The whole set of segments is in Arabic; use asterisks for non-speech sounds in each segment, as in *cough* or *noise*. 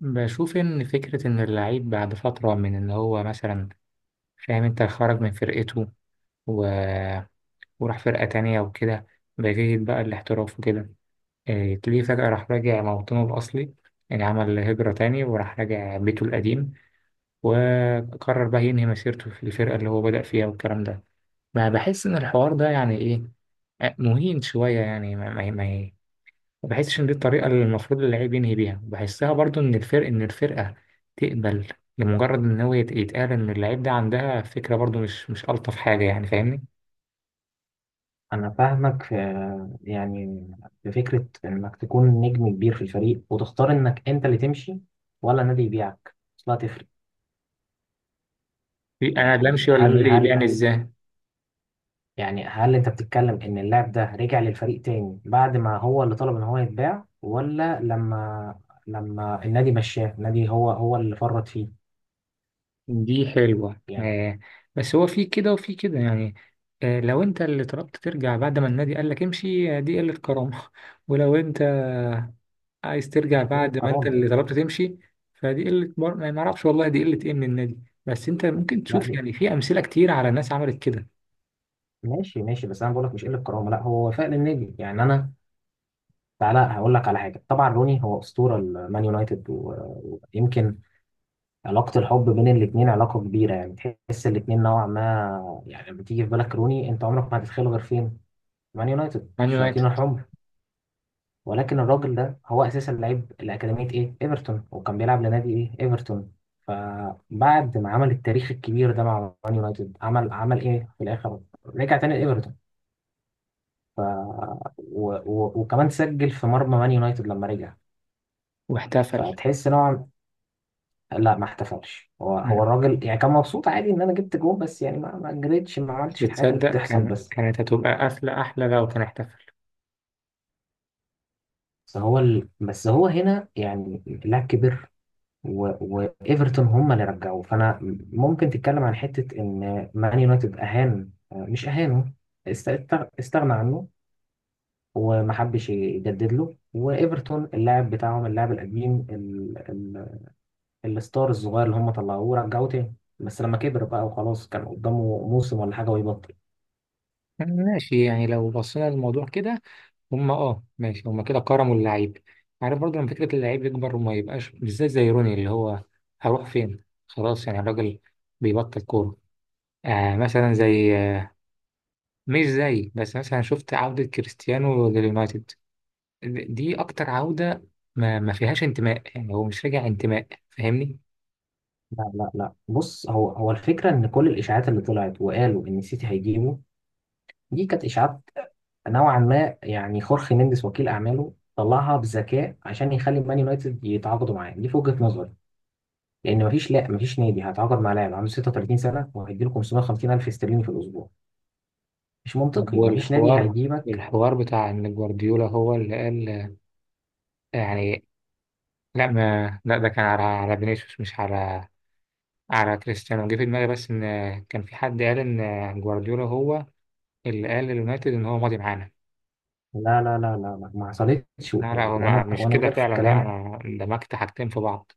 بشوف إن فكرة إن اللعيب بعد فترة من إن هو مثلا فاهم، أنت خرج من فرقته و... وراح فرقة تانية وكده، بيجي بقى الاحتراف وكده، إيه، تلاقيه فجأة راح راجع موطنه الأصلي. يعني عمل هجرة تاني وراح راجع بيته القديم، وقرر بقى ينهي مسيرته في الفرقة اللي هو بدأ فيها والكلام ده. ما بحس إن الحوار ده يعني إيه. آه، مهين شوية يعني. ما بحسش ان دي الطريقه اللي المفروض اللعيب ينهي بيها. بحسها برضو ان الفرق، ان الفرقه تقبل لمجرد ان هو يتقال ان اللعيب ده عندها فكره، برضو مش الطف حاجه يعني. فاهمني؟ أنا فاهمك يعني في فكرة إنك تكون نجم كبير في الفريق وتختار إنك أنت اللي تمشي ولا نادي يبيعك، أصلها تفرق. انا لا يعني امشي ولا هل مدري هل يبيعني ازاي. هل أنت بتتكلم إن اللاعب ده رجع للفريق تاني بعد ما هو اللي طلب إن هو يتباع، ولا لما النادي مشاه النادي هو اللي فرط فيه؟ دي حلوه، يعني آه. بس هو في كده وفي كده يعني. آه، لو انت اللي طلبت ترجع بعد ما النادي قال لك امشي، آه، دي قله كرامه *laughs* ولو انت عايز ترجع مش قلة بعد ما انت كرامة. اللي طلبت تمشي، فدي قله ما اعرفش والله دي قله ايه من النادي. بس انت ممكن لا تشوف دي يعني في امثله كتير على ناس عملت كده. ماشي ماشي، بس أنا بقولك مش قلة كرامة، لا هو وفاء للنادي. يعني أنا تعالى هقول لك على حاجه. طبعا روني هو اسطوره المان يونايتد، ويمكن علاقه الحب بين الاثنين علاقه كبيره يعني. تحس الاثنين نوعا ما. يعني لما تيجي في بالك روني، انت عمرك ما هتتخيله غير فين مان يونايتد مان الشياطين يونايتد. الحمر. ولكن الراجل ده هو اساسا لعيب لاكاديميه ايه ايفرتون، وكان بيلعب لنادي ايه ايفرتون. فبعد ما عمل التاريخ الكبير ده مع مان يونايتد، عمل ايه في الاخر؟ رجع تاني لايفرتون، وكمان سجل في مرمى مان يونايتد لما رجع. واحتفل. فتحس نوعا. لا ما احتفلش، هو مم. الراجل يعني، كان مبسوط عادي ان انا جبت جول، بس يعني ما جريتش، ما بس عملتش الحاجات اللي تصدق بتحصل كان بس. كانت هتبقى قفلة أحلى لو كان احتفل. بس هو هنا يعني اللاعب كبر، و... وايفرتون هم اللي رجعوه. فانا ممكن تتكلم عن حته ان مان يونايتد اهان، مش اهانه، استغنى عنه وما حبش يجدد له. وايفرتون اللاعب بتاعهم، اللاعب القديم، الستار الصغير اللي هم طلعوه، رجعوه تاني بس لما كبر بقى وخلاص كان قدامه موسم ولا حاجه ويبطل. ماشي، يعني لو بصينا للموضوع كده، هما، ماشي، هما كده كرموا اللعيب. عارف، برضه لما فكرة اللعيب يكبر وما يبقاش بالذات زي روني، اللي هو هروح فين خلاص يعني الراجل بيبطل كورة. مثلا زي آه مش زي، بس مثلا شفت عودة كريستيانو لليونايتد. دي أكتر عودة ما فيهاش انتماء، يعني هو مش راجع انتماء. فاهمني؟ لا لا لا بص، هو الفكرة إن كل الإشاعات اللي طلعت وقالوا إن سيتي هيجيبه، دي كانت إشاعات نوعا ما. يعني خورخي مينديز وكيل أعماله طلعها بذكاء عشان يخلي مان يونايتد يتعاقدوا معاه، دي في وجهة نظري. لأن مفيش، لا مفيش نادي هيتعاقد مع لاعب عنده 36 سنة وهيديله 550 ألف استرليني في الأسبوع. مش طب منطقي، مفيش نادي والحوار هيجيبك. الحوار بتاع ان جوارديولا هو اللي قال، يعني. لا ده كان على على فينيسيوس، مش على كريستيانو. جه في دماغي بس ان كان في حد قال ان جوارديولا هو اللي قال لليونايتد ان هو ماضي معانا. لا لا لا لا لا، ما حصلتش، و- لا لا، هو وأنا مش وأنا كده جارف في فعلا، لا، الكلام. انا دمجت حاجتين في بعض.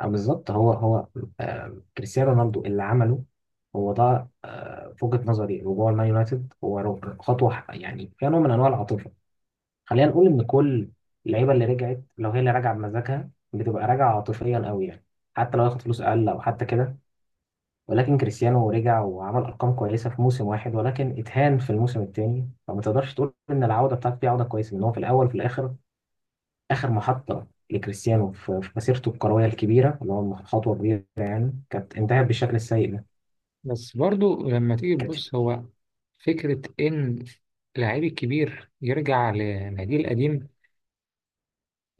آه، بالظبط. هو آه، كريستيانو رونالدو اللي عمله. هو ده. آه، في وجهة نظري رجوع المان يونايتد هو خطوة يعني فيها نوع من أنواع العاطفة. خلينا نقول إن كل اللعيبة اللي رجعت، لو هي اللي راجعة بمزاجها، بتبقى راجعة عاطفيا قوي يعني. حتى لو ياخد فلوس أقل أو حتى كده. ولكن كريستيانو رجع وعمل أرقام كويسة في موسم واحد، ولكن اتهان في الموسم التاني، فما تقدرش تقول إن العودة بتاعته دي عودة كويسة. إن هو في الأول في الآخر، آخر محطة لكريستيانو في مسيرته الكروية الكبيرة اللي هو خطوة كبيرة يعني، كانت انتهت بالشكل السيء ده. بس برضو لما تيجي كانت تبص، هو فكرة إن لعيب الكبير يرجع لناديه القديم،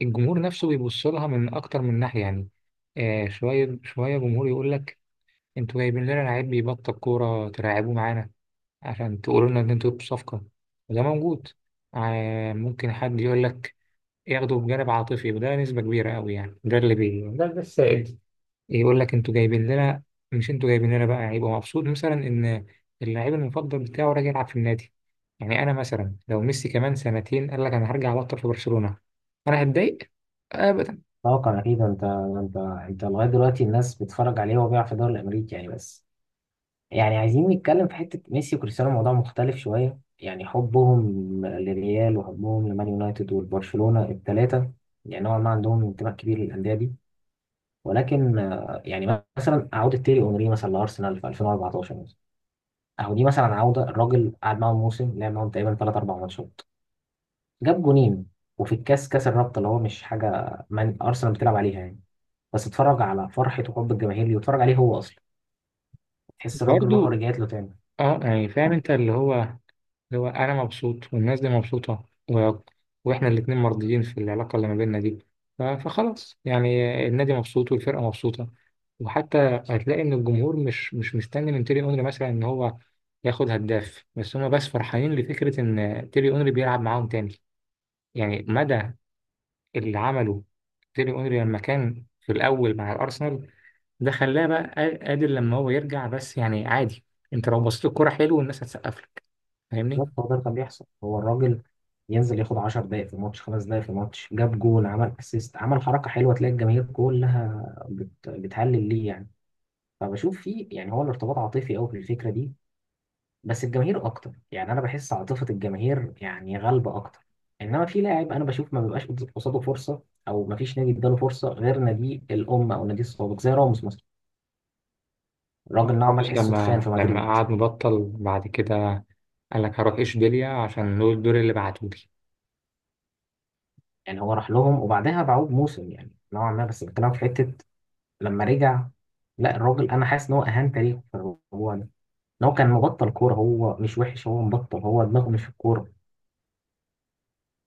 الجمهور نفسه بيبص لها من أكتر من ناحية يعني. آه، شوية شوية جمهور يقول لك انتوا جايبين لنا لعيب بيبطل كورة تلعبوه معانا عشان تقولوا لنا ان انتوا جبتوا صفقة، وده موجود. آه، ممكن حد يقول لك ياخده بجانب عاطفي، وده نسبة كبيرة قوي يعني، ده اللي بي ده ده السائد. يقول لك انتوا جايبين لنا. مش انتوا جايبين لنا بقى هيبقى مبسوط مثلا ان اللعيب المفضل بتاعه راجع يلعب في النادي. يعني انا مثلا لو ميسي كمان سنتين قال لك انا هرجع ابطل في برشلونة، انا هتضايق؟ ابدا. طاقة أكيد. أنت لغاية دلوقتي الناس بتتفرج عليه وهو بيلعب في الدوري الأمريكي يعني، بس يعني عايزين نتكلم في حتة ميسي وكريستيانو موضوع مختلف شوية. يعني حبهم للريال وحبهم لمان يونايتد والبرشلونة الثلاثة، يعني نوعا ما عندهم انتماء كبير للأندية دي. ولكن آه، يعني مثلا أعود التيري أونري مثلا لأرسنال في 2014، اهو دي مثلا عوده. الراجل قعد معاهم موسم، لعب معاهم تقريبا ثلاث اربع ماتشات، جاب جونين وفي الكاس، كاس الرابطه اللي هو مش حاجه من ارسنال بتلعب عليها يعني، بس اتفرج على فرحه وحب الجماهير ليه، واتفرج عليه هو اصلا، تحس الراجل روحه برضو رجعت له تاني. اه، يعني فاهم انت اللي هو أنا مبسوط والناس دي مبسوطة، و... وإحنا الاتنين مرضيين في العلاقة اللي ما بيننا دي. فخلاص يعني، النادي مبسوط والفرقة مبسوطة. وحتى هتلاقي إن الجمهور مش مستني من تيري أونري مثلا إن هو ياخد هداف، بس هما بس فرحانين لفكرة إن تيري أونري بيلعب معاهم تاني. يعني مدى اللي عمله تيري أونري لما كان في الأول مع الأرسنال، ده خلاه بقى قادر لما هو يرجع. بس يعني عادي، أنت لو بصيت الكرة حلو والناس هتسقف لك. فاهمني؟ بالظبط، هو ده اللي كان بيحصل. هو الراجل ينزل ياخد 10 دقائق في الماتش، خمس دقائق في الماتش، جاب جول، عمل اسيست، عمل حركه حلوه، تلاقي الجماهير كلها بتهلل ليه يعني. فبشوف فيه يعني هو الارتباط عاطفي قوي في الفكره دي. بس الجماهير اكتر، يعني انا بحس عاطفة الجماهير يعني غالبة اكتر. انما في لاعب انا بشوف ما بيبقاش قصاده فرصة، او ما فيش نادي اداله فرصة غير نادي الام او نادي السابق، زي راموس مثلا. الراجل نوعا ما أبوس تحسه اتخان لما في لما مدريد. قعد مبطل بعد كده قال لك هروح إشبيلية عشان دول الدور اللي بعتولي. يعني هو راح لهم وبعدها باعوه بموسم يعني نوعا ما، بس بتكلم في حتة لما رجع. لا الراجل، انا حاسس ان هو اهان تاريخه في الموضوع ده. ان هو كان مبطل كورة، هو مش وحش، هو مبطل، هو دماغه مش في الكورة.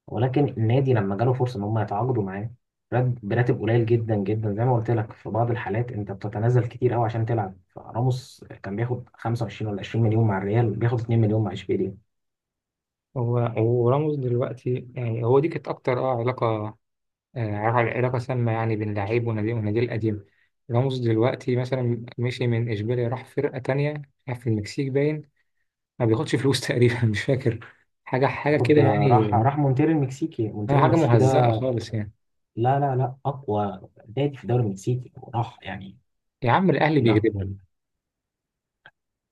ولكن النادي لما جاله فرصه ان هم يتعاقدوا معاه براتب قليل جدا جدا، زي ما قلت لك في بعض الحالات انت بتتنازل كتير قوي عشان تلعب. فراموس كان بياخد 25 ولا 20 مليون مع الريال، بياخد 2 مليون مع اشبيليه. هو وراموس دلوقتي، يعني هو دي كانت أكتر علاقة. آه، علاقة علاقة سامة يعني بين لعيب ونادي ونادي القديم. راموس دلوقتي مثلا مشي من إشبيلية راح فرقة تانية، راح في المكسيك باين ما بياخدش فلوس تقريبا *laughs* مش فاكر، حاجة حاجة كده خد يعني. راح مونتيري المكسيكي. آه، مونتيري حاجة المكسيكي مهزأة ده خالص يعني. لا لا لا اقوى نادي في الدوري المكسيكي، وراح يعني. يا عم الأهلي لا، بيكذبوا.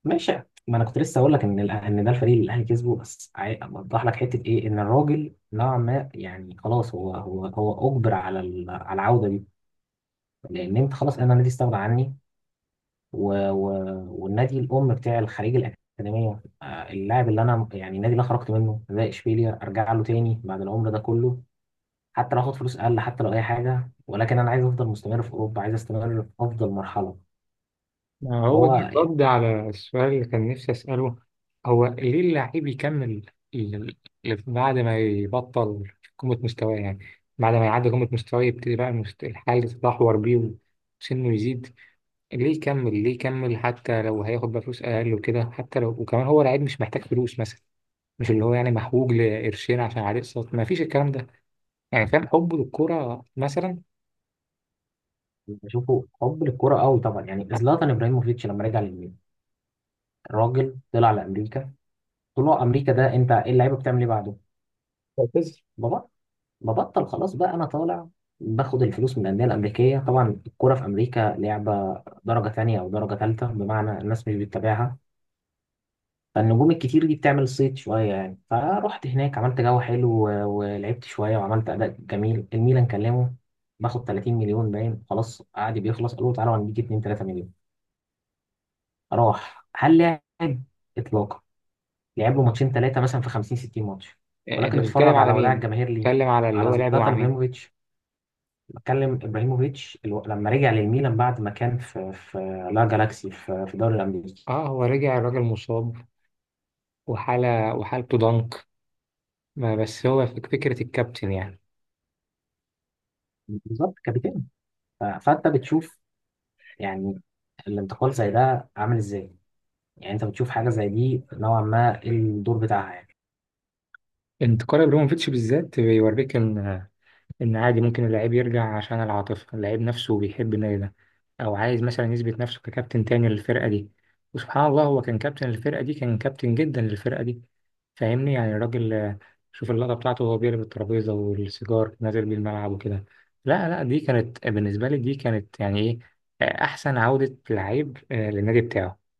ماشي. ما انا كنت لسه اقول لك ان ان ده الفريق اللي الاهلي كسبه، بس اوضح لك حته ايه ان الراجل نوعا ما يعني خلاص، هو اجبر على على العوده دي. لان انت خلاص انا النادي استغنى عني، و... و... والنادي الام بتاع الخليج الاكاديميه آه، اللاعب اللي انا يعني، النادي اللي أنا خرجت منه زي اشبيليا، ارجع له تاني بعد العمر ده كله، حتى لو اخد فلوس اقل، حتى لو اي حاجه، ولكن انا عايز افضل مستمر في اوروبا، عايز استمر في افضل مرحله. ما هو ده هو يعني الرد على السؤال اللي كان نفسي أسأله. هو ليه اللاعب يكمل ال- بعد ما يبطل قمة مستواه يعني؟ بعد ما يعدي قمة مستواه يبتدي بقى الحال يتدهور بيه وسنه يزيد. ليه يكمل، ليه يكمل، حتى لو هياخد بقى فلوس أقل وكده؟ حتى لو، وكمان هو لعيب مش محتاج فلوس مثلا، مش اللي هو يعني محوج لقرشين عشان عليه اقساط، ما فيش الكلام ده. يعني فاهم حبه للكورة مثلا. بشوفه حب للكرة قوي طبعا. يعني زلاتان ابراهيموفيتش لما رجع للميلان، الراجل طلع لامريكا. طلوع امريكا ده انت ايه، اللعيبه بتعمل ايه بعده؟ معتز. بابا، ببطل خلاص بقى انا طالع، باخد الفلوس من الانديه الامريكيه. طبعا الكوره في امريكا لعبه درجه تانية او درجه تالتة، بمعنى الناس مش بتتابعها، فالنجوم الكتير دي بتعمل صيت شويه يعني. فرحت هناك، عملت جو حلو، ولعبت شويه وعملت اداء جميل. الميلان كلمه، باخد 30 مليون، باين خلاص قعد بيخلص، قالوا تعالوا هنديك 2 3 مليون، راح. هل لعب؟ اطلاقا. لعب له ماتشين ثلاثه مثلا في 50 60 ماتش، انت ولكن بتتكلم اتفرج على على وداع مين؟ الجماهير ليه. بتتكلم على اللي على هو لعبه مع زلاتان مين؟ ابراهيموفيتش بتكلم. ابراهيموفيتش لما رجع للميلان بعد ما كان في لا جالاكسي في الدوري الامريكي. اه، هو رجع الراجل مصاب، وحالته ضنك. ما بس هو فكرة الكابتن يعني. بالظبط كابتن. فانت بتشوف يعني الانتقال زي ده عامل ازاي، يعني انت بتشوف حاجه زي دي نوعا ما إيه الدور بتاعها يعني. انت قارن ابراهيموفيتش بالذات بيوريك، إن عادي ممكن اللاعب يرجع عشان العاطفة، اللاعب نفسه بيحب النادي ده، أو عايز مثلا يثبت نفسه ككابتن تاني للفرقة دي. وسبحان الله هو كان كابتن الفرقة دي، كان كابتن جدا للفرقة دي. فاهمني؟ يعني الراجل، شوف اللقطة بتاعته وهو بيقلب الترابيزة والسيجار نازل بيه الملعب وكده. لا لا، دي كانت بالنسبة لي، دي كانت يعني إيه، أحسن عودة لعيب للنادي بتاعه.